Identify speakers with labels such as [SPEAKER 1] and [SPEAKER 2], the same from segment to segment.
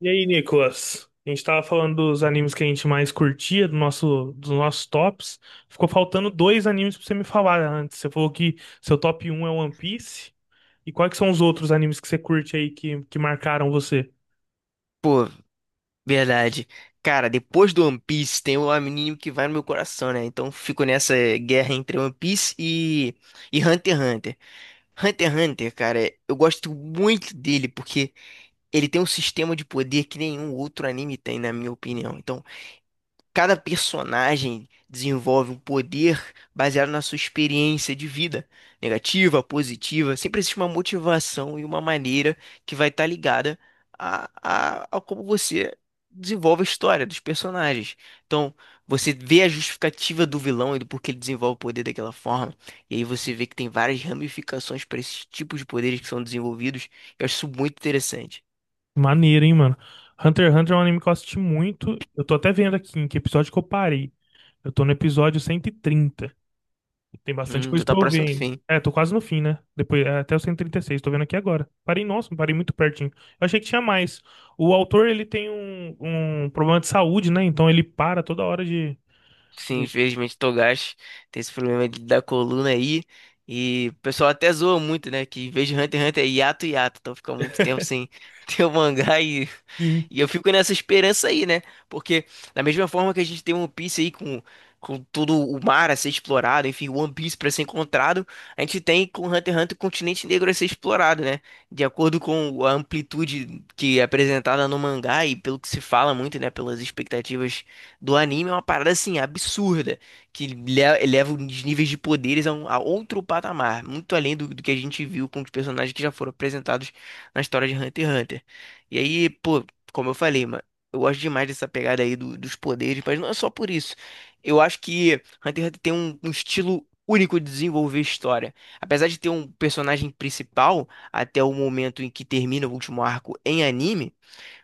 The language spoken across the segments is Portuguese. [SPEAKER 1] E aí, Nicolas? A gente tava falando dos animes que a gente mais curtia, dos nossos tops. Ficou faltando dois animes pra você me falar antes. Você falou que seu top um é One Piece. E quais que são os outros animes que você curte aí que marcaram você?
[SPEAKER 2] Pô, verdade. Cara, depois do One Piece tem o anime que vai no meu coração, né? Então fico nessa guerra entre One Piece e Hunter x Hunter. Hunter x Hunter, cara, eu gosto muito dele porque ele tem um sistema de poder que nenhum outro anime tem, na minha opinião. Então cada personagem desenvolve um poder baseado na sua experiência de vida, negativa, positiva. Sempre existe uma motivação e uma maneira que vai estar ligada a, a como você desenvolve a história dos personagens. Então, você vê a justificativa do vilão e do porquê ele desenvolve o poder daquela forma. E aí você vê que tem várias ramificações para esses tipos de poderes que são desenvolvidos. Eu acho isso muito interessante.
[SPEAKER 1] Maneiro, hein, mano? Hunter x Hunter é um anime que eu assisti muito. Eu tô até vendo aqui em que episódio que eu parei. Eu tô no episódio 130. Tem bastante
[SPEAKER 2] Tu
[SPEAKER 1] coisa
[SPEAKER 2] tá
[SPEAKER 1] pra eu ver
[SPEAKER 2] próximo do
[SPEAKER 1] ainda.
[SPEAKER 2] fim.
[SPEAKER 1] É, tô quase no fim, né? Depois, é, até o cento e trinta e seis tô vendo aqui agora. Parei, nossa, parei muito pertinho. Eu achei que tinha mais. O autor, ele tem um problema de saúde, né? Então ele para toda hora de...
[SPEAKER 2] Sim,
[SPEAKER 1] de-
[SPEAKER 2] infelizmente Togashi tem esse da coluna aí. E o pessoal até zoa muito, né? Que em vez de Hunter x Hunter é hiato hiato. Então fica muito tempo sem ter o mangá e
[SPEAKER 1] Sim.
[SPEAKER 2] e eu fico nessa esperança aí, né? Porque da mesma forma que a gente tem One Piece aí com todo o mar a ser explorado, enfim, One Piece pra ser encontrado, a gente tem com Hunter x Hunter o continente negro a ser explorado, né? De acordo com a amplitude que é apresentada no mangá e pelo que se fala muito, né? Pelas expectativas do anime, é uma parada assim absurda, que eleva os níveis de poderes a outro patamar, muito além do que a gente viu com os personagens que já foram apresentados na história de Hunter x Hunter. E aí, pô, como eu falei, mano, eu gosto demais dessa pegada aí dos poderes, mas não é só por isso. Eu acho que Hunter x Hunter tem um estilo único de desenvolver história. Apesar de ter um personagem principal até o momento em que termina o último arco em anime,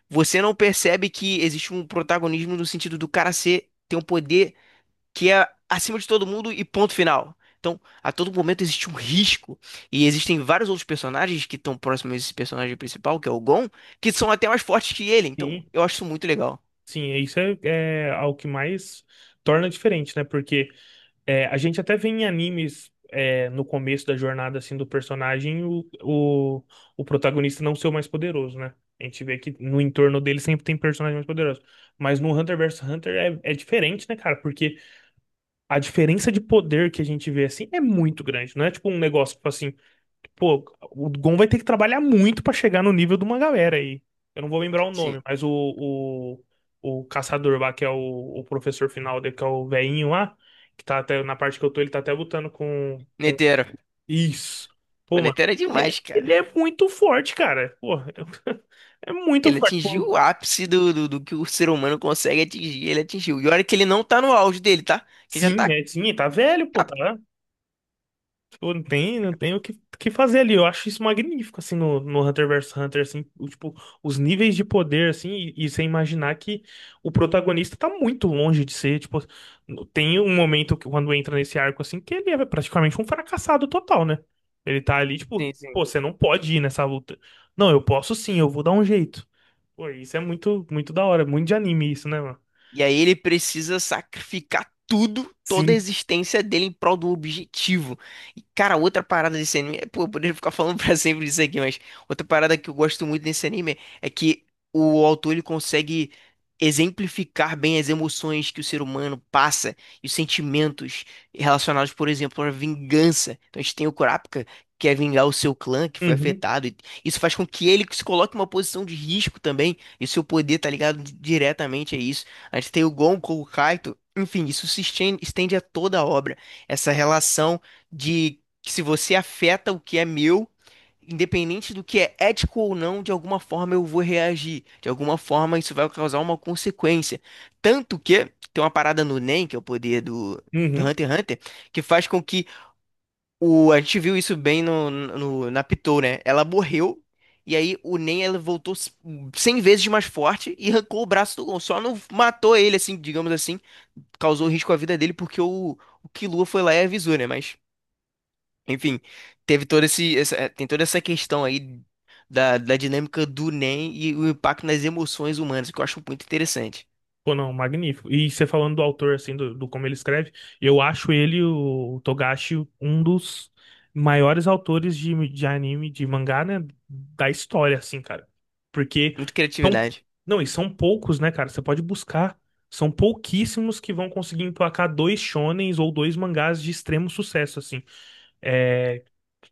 [SPEAKER 2] você não percebe que existe um protagonismo no sentido do cara ser ter um poder que é acima de todo mundo e ponto final. Então, a todo momento existe um risco. E existem vários outros personagens que estão próximos a esse personagem principal, que é o Gon, que são até mais fortes que ele. Então,
[SPEAKER 1] Sim,
[SPEAKER 2] eu acho isso muito legal.
[SPEAKER 1] sim, isso é algo que mais torna diferente, né? Porque é, a gente até vê em animes, é, no começo da jornada assim do personagem o protagonista não ser o mais poderoso, né? A gente vê que no entorno dele sempre tem personagem mais poderoso. Mas no Hunter vs Hunter é diferente, né, cara? Porque a diferença de poder que a gente vê assim é muito grande. Não é tipo um negócio tipo assim, pô, o Gon vai ter que trabalhar muito pra chegar no nível de uma galera aí. Eu não vou lembrar o
[SPEAKER 2] Sim.
[SPEAKER 1] nome, mas o caçador lá, que é o professor final dele, que é o velhinho lá, que tá até, na parte que eu tô, ele tá até lutando com...
[SPEAKER 2] Netero.
[SPEAKER 1] Isso.
[SPEAKER 2] O
[SPEAKER 1] Pô, mano,
[SPEAKER 2] Netero é
[SPEAKER 1] ele
[SPEAKER 2] demais,
[SPEAKER 1] é,
[SPEAKER 2] cara.
[SPEAKER 1] ele é muito forte, cara. Pô, é muito
[SPEAKER 2] Ele
[SPEAKER 1] forte.
[SPEAKER 2] atingiu
[SPEAKER 1] Pô,
[SPEAKER 2] o ápice do que o ser humano consegue atingir. Ele atingiu. E olha que ele não tá no auge dele, tá? Que já
[SPEAKER 1] sim,
[SPEAKER 2] tá.
[SPEAKER 1] é, sim, tá velho, pô,
[SPEAKER 2] tá-
[SPEAKER 1] tá. Pô, não tem o que fazer ali. Eu acho isso magnífico, assim, no, no Hunter vs Hunter, assim, o, tipo, os níveis de poder, assim, e você imaginar que o protagonista tá muito longe de ser, tipo, tem um momento que, quando entra nesse arco, assim, que ele é praticamente um fracassado total, né? Ele tá ali, tipo,
[SPEAKER 2] Sim, sim.
[SPEAKER 1] pô, você não pode ir nessa luta. Não, eu posso sim, eu vou dar um jeito. Pô, isso é muito, muito da hora, muito de anime isso, né, mano?
[SPEAKER 2] E aí ele precisa sacrificar tudo, toda a
[SPEAKER 1] Sim.
[SPEAKER 2] existência dele em prol do objetivo. E, cara, outra parada desse anime. Pô, eu poderia ficar falando pra sempre disso aqui, mas outra parada que eu gosto muito desse anime é que o autor ele consegue exemplificar bem as emoções que o ser humano passa e os sentimentos relacionados, por exemplo, à vingança. Então a gente tem o Kurapika, que quer vingar o seu clã que foi
[SPEAKER 1] Uhum,
[SPEAKER 2] afetado, e isso faz com que ele se coloque em uma posição de risco também. E o seu poder tá ligado diretamente a isso. A gente tem o Gonko, o Kaito. Enfim, isso se estende a toda a obra. Essa relação de que se você afeta o que é meu, independente do que é ético ou não, de alguma forma eu vou reagir. De alguma forma isso vai causar uma consequência. Tanto que tem uma parada no Nen, que é o poder do
[SPEAKER 1] uhum.
[SPEAKER 2] Hunter x Hunter, que faz com que a gente viu isso bem na Pitou, né? Ela morreu, e aí o Nen ela voltou 100 vezes mais forte e arrancou o braço do Gon. Só não matou ele, assim, digamos assim. Causou risco à vida dele porque o Killua foi lá e avisou, né? Mas, enfim, teve todo esse, essa- é, tem toda essa questão aí da dinâmica do Nen e o impacto nas emoções humanas, que eu acho muito interessante.
[SPEAKER 1] Pô, não, magnífico. E você falando do autor, assim, do, do como ele escreve, eu acho ele, o Togashi, um dos maiores autores de anime, de mangá, né, da história, assim, cara. Porque
[SPEAKER 2] Muita
[SPEAKER 1] são,
[SPEAKER 2] criatividade.
[SPEAKER 1] não, e são poucos, né, cara? Você pode buscar. São pouquíssimos que vão conseguir emplacar dois shonens ou dois mangás de extremo sucesso, assim. É,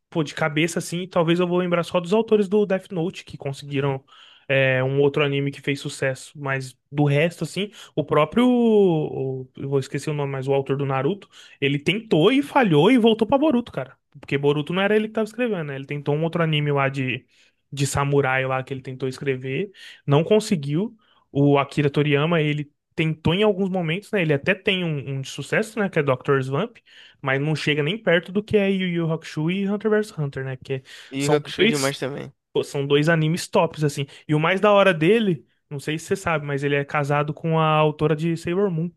[SPEAKER 1] pô, de cabeça assim, talvez eu vou lembrar só dos autores do Death Note que conseguiram é, um outro anime que fez sucesso, mas do resto assim, eu vou esquecer o nome, mas o autor do Naruto, ele tentou e falhou e voltou pra Boruto, cara. Porque Boruto não era ele que tava escrevendo, né? Ele tentou um outro anime lá de samurai lá que ele tentou escrever, não conseguiu. O Akira Toriyama, ele tentou em alguns momentos, né? Ele até tem um de sucesso, né? Que é Doctor Slump, mas não chega nem perto do que é Yu Yu Hakusho e Hunter vs Hunter, né? Porque
[SPEAKER 2] E o
[SPEAKER 1] são
[SPEAKER 2] Hakusho é
[SPEAKER 1] dois,
[SPEAKER 2] demais também.
[SPEAKER 1] pô, são dois animes tops, assim. E o mais da hora dele, não sei se você sabe, mas ele é casado com a autora de Sailor Moon.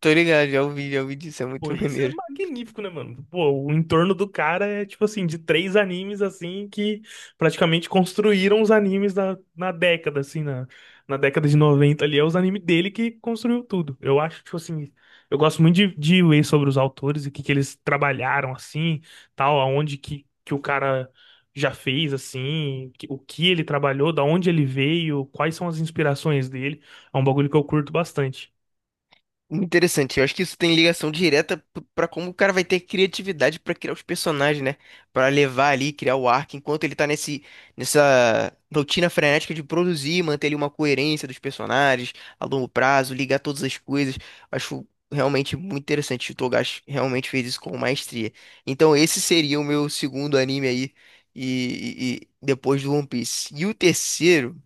[SPEAKER 2] Tô ligado, já ouvi disso, é
[SPEAKER 1] Pô,
[SPEAKER 2] muito
[SPEAKER 1] isso é
[SPEAKER 2] maneiro.
[SPEAKER 1] magnífico, né, mano? Pô, o entorno do cara é, tipo assim, de três animes, assim, que praticamente construíram os animes da, na década, assim, na, na década de 90 ali. É os animes dele que construiu tudo. Eu acho, tipo assim, eu gosto muito de ler sobre os autores e o que eles trabalharam, assim, tal, aonde que o cara já fez, assim, o que ele trabalhou, da onde ele veio, quais são as inspirações dele. É um bagulho que eu curto bastante.
[SPEAKER 2] Interessante, eu acho que isso tem ligação direta pra como o cara vai ter criatividade pra criar os personagens, né? Pra levar ali, criar o arco, enquanto ele tá nessa rotina frenética de produzir, manter ali uma coerência dos personagens a longo prazo, ligar todas as coisas. Acho realmente muito interessante. O Togashi realmente fez isso com maestria. Então, esse seria o meu segundo anime aí, e depois do One Piece. E o terceiro.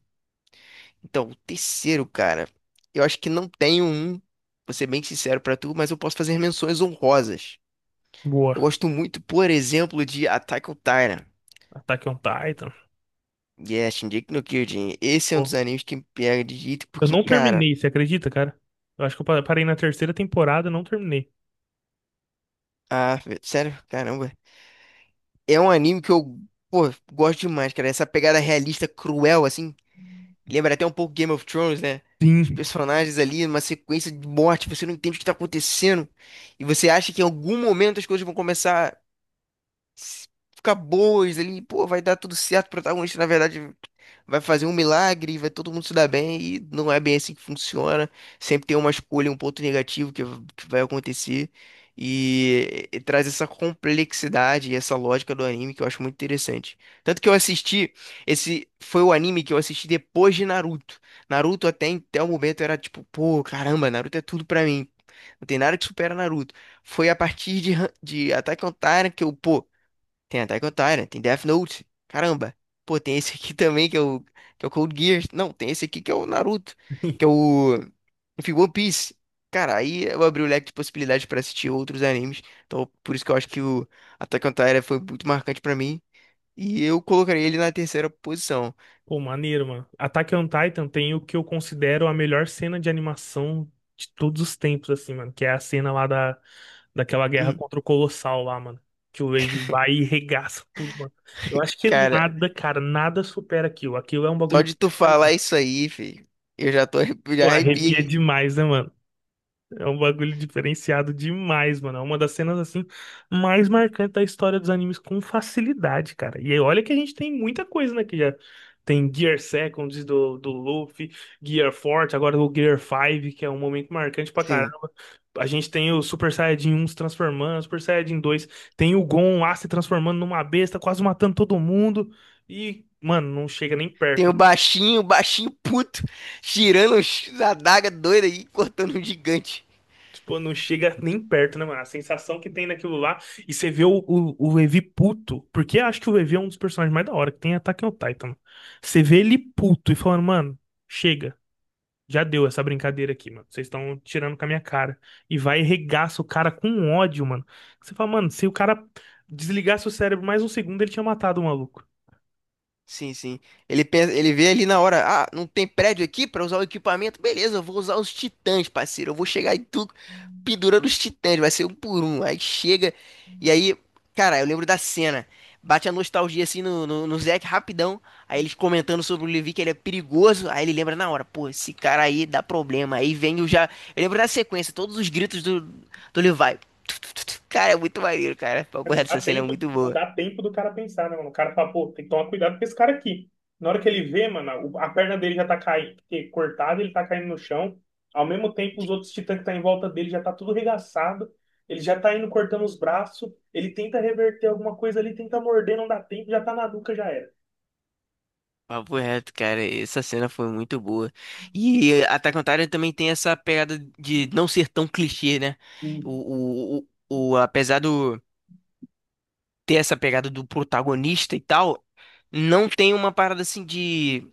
[SPEAKER 2] Então, o terceiro, cara, eu acho que não tenho um, vou ser bem sincero pra tu, mas eu posso fazer menções honrosas.
[SPEAKER 1] Boa.
[SPEAKER 2] Eu gosto muito, por exemplo, de Attack on Titan.
[SPEAKER 1] Attack on Titan.
[SPEAKER 2] Yes, Shingeki no Kyojin. Esse é um dos
[SPEAKER 1] Pô,
[SPEAKER 2] animes que me pega de jeito,
[SPEAKER 1] eu
[SPEAKER 2] porque,
[SPEAKER 1] não
[SPEAKER 2] cara,
[SPEAKER 1] terminei, você acredita, cara? Eu acho que eu parei na terceira temporada, e não terminei.
[SPEAKER 2] ah, velho, sério, caramba. É um anime que eu, pô, gosto demais, cara. Essa pegada realista, cruel, assim. Lembra até um pouco Game of Thrones, né? Os
[SPEAKER 1] Sim.
[SPEAKER 2] personagens ali, uma sequência de morte, você não entende o que tá acontecendo. E você acha que em algum momento as coisas vão começar s- ficar boas ali, pô, vai dar tudo certo, o protagonista, na verdade, vai fazer um milagre, vai todo mundo se dar bem, e não é bem assim que funciona. Sempre tem uma escolha, um ponto negativo que vai acontecer, e traz essa complexidade e essa lógica do anime que eu acho muito interessante. Tanto que eu assisti, esse foi o anime que eu assisti depois de Naruto. Naruto até, até o momento era tipo, pô, caramba, Naruto é tudo pra mim. Não tem nada que supera Naruto. Foi a partir de Attack on Titan que eu, pô, tem Attack on Titan, tem Death Note. Caramba. Pô, tem esse aqui também que é que é o Code Geass. Não, tem esse aqui que é o Naruto. Que é o. Enfim, One Piece. Cara, aí eu abri o leque de possibilidades pra assistir outros animes. Então, por isso que eu acho que o Attack on Titan foi muito marcante pra mim. E eu colocaria ele na terceira posição.
[SPEAKER 1] Pô, maneiro, mano. Attack on Titan tem o que eu considero a melhor cena de animação de todos os tempos, assim, mano. Que é a cena lá da, daquela guerra
[SPEAKER 2] Hum,
[SPEAKER 1] contra o Colossal lá, mano. Que o Levi vai e regaça tudo, mano. Eu acho que
[SPEAKER 2] cara,
[SPEAKER 1] nada, cara, nada supera aquilo. Aquilo é um
[SPEAKER 2] só
[SPEAKER 1] bagulho que
[SPEAKER 2] de tu
[SPEAKER 1] pra mim,
[SPEAKER 2] falar isso aí, filho, eu já tô já
[SPEAKER 1] pô,
[SPEAKER 2] arrepio
[SPEAKER 1] arrepia
[SPEAKER 2] aqui.
[SPEAKER 1] demais, né, mano? É um bagulho diferenciado demais, mano. É uma das cenas assim mais marcantes da história dos animes com facilidade, cara. E aí, olha que a gente tem muita coisa, né, que já tem Gear Seconds do Luffy, Gear Forte, agora o Gear 5, que é um momento marcante pra
[SPEAKER 2] Sim.
[SPEAKER 1] caramba. A gente tem o Super Saiyajin 1 se transformando, Super Saiyajin dois, tem o Gon lá se transformando numa besta, quase matando todo mundo. E, mano, não chega nem
[SPEAKER 2] Tem
[SPEAKER 1] perto.
[SPEAKER 2] o baixinho puto,
[SPEAKER 1] Mano,
[SPEAKER 2] tirando a daga doida aí, cortando um gigante.
[SPEAKER 1] tipo, não chega nem perto, né, mano? A sensação que tem naquilo lá. E você vê o Levi puto. Porque eu acho que o Levi é um dos personagens mais da hora que tem em Attack on Titan. Você vê ele puto e falando, mano, chega. Já deu essa brincadeira aqui, mano. Vocês estão tirando com a minha cara. E vai e regaça o cara com ódio, mano. Você fala, mano, se o cara desligasse o cérebro mais um segundo, ele tinha matado o maluco.
[SPEAKER 2] Sim, sim. Ele pensa, ele vê ali na hora, ah, não tem prédio aqui pra usar o equipamento? Beleza, eu vou usar os titãs, parceiro. Eu vou chegar em tudo pendurando os titãs, vai ser um por um. Aí chega, e aí, cara, eu lembro da cena. Bate a nostalgia assim no Zack rapidão. Aí eles comentando sobre o Levi que ele é perigoso. Aí ele lembra na hora, pô, esse cara aí dá problema. Aí vem o já. Eu lembro da sequência, todos os gritos do Levi. Cara, é muito maneiro, cara. Porra,
[SPEAKER 1] Não dá
[SPEAKER 2] essa cena é
[SPEAKER 1] tempo,
[SPEAKER 2] muito
[SPEAKER 1] não
[SPEAKER 2] boa.
[SPEAKER 1] dá tempo do cara pensar, né, mano? O cara fala, pô, tem que tomar cuidado com esse cara aqui. Na hora que ele vê, mano, a perna dele já tá caindo, porque cortada, ele tá caindo no chão. Ao mesmo tempo, os outros titãs que tá em volta dele já tá tudo regaçado. Ele já tá indo cortando os braços. Ele tenta reverter alguma coisa ali, tenta morder, não dá tempo, já tá na nuca, já era.
[SPEAKER 2] Papo reto, cara, essa cena foi muito boa. E Attack on Titan também tem essa pegada de não ser tão clichê, né?
[SPEAKER 1] Hum.
[SPEAKER 2] Apesar do ter essa pegada do protagonista e tal, não tem uma parada assim de.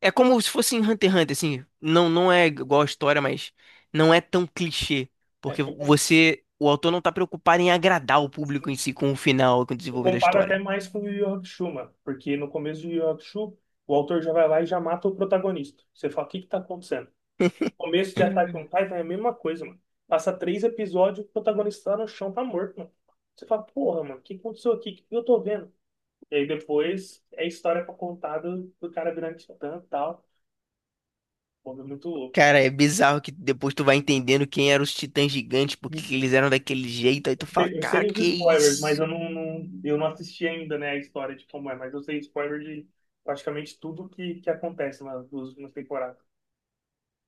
[SPEAKER 2] É como se fosse em Hunter x Hunter, assim. Não, não é igual a história, mas não é tão clichê.
[SPEAKER 1] É,
[SPEAKER 2] Porque
[SPEAKER 1] eu,
[SPEAKER 2] você, o autor não tá preocupado em agradar o público em si com o final, com o
[SPEAKER 1] eu
[SPEAKER 2] desenvolver da
[SPEAKER 1] comparo até
[SPEAKER 2] história.
[SPEAKER 1] mais com o Yu Yu Hakusho, mano, porque no começo do Yu Yu Hakusho, o autor já vai lá e já mata o protagonista. Você fala, o que que tá acontecendo? Começo de Attack on Titan é a mesma coisa, mano. Passa três episódios, o protagonista lá no chão tá morto, mano. Você fala, porra, mano, o que aconteceu aqui? O que eu tô vendo? E aí depois é a história pra contar do cara virando titã e tal. Pô, é muito louco.
[SPEAKER 2] Cara, é bizarro que depois tu vai entendendo quem eram os titãs gigantes,
[SPEAKER 1] Eu
[SPEAKER 2] porque eles eram daquele jeito, aí tu fala,
[SPEAKER 1] sei eu
[SPEAKER 2] cara,
[SPEAKER 1] sei os
[SPEAKER 2] que
[SPEAKER 1] spoilers, mas eu
[SPEAKER 2] isso?
[SPEAKER 1] eu não assisti ainda, né, a história de como é, mas eu sei spoiler de praticamente tudo que acontece nas duas últimas temporadas.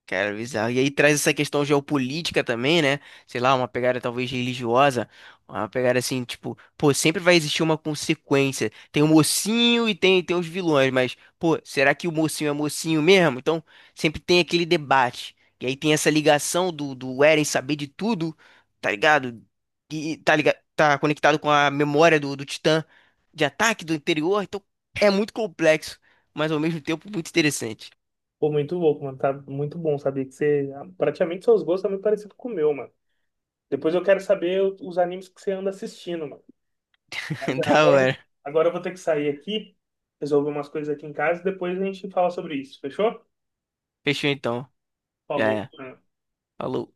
[SPEAKER 2] Cara, bizarro. E aí traz essa questão geopolítica também, né? Sei lá, uma pegada talvez religiosa, uma pegada assim, tipo, pô, sempre vai existir uma consequência. Tem o mocinho e tem os vilões, mas, pô, será que o mocinho é mocinho mesmo? Então, sempre tem aquele debate. E aí tem essa ligação do Eren saber de tudo, tá ligado? E tá ligado, tá conectado com a memória do Titã de ataque do interior, então é muito complexo, mas ao mesmo tempo muito interessante.
[SPEAKER 1] Pô, muito louco, mano. Tá muito bom saber que você. Praticamente seus gostos são muito parecidos com o meu, mano. Depois eu quero saber os animes que você anda assistindo, mano. Mas
[SPEAKER 2] Da
[SPEAKER 1] agora,
[SPEAKER 2] hora.
[SPEAKER 1] agora eu vou ter que sair aqui, resolver umas coisas aqui em casa, depois a gente fala sobre isso, fechou?
[SPEAKER 2] Fechou então. Já
[SPEAKER 1] Falou.
[SPEAKER 2] é.
[SPEAKER 1] É.
[SPEAKER 2] Falou.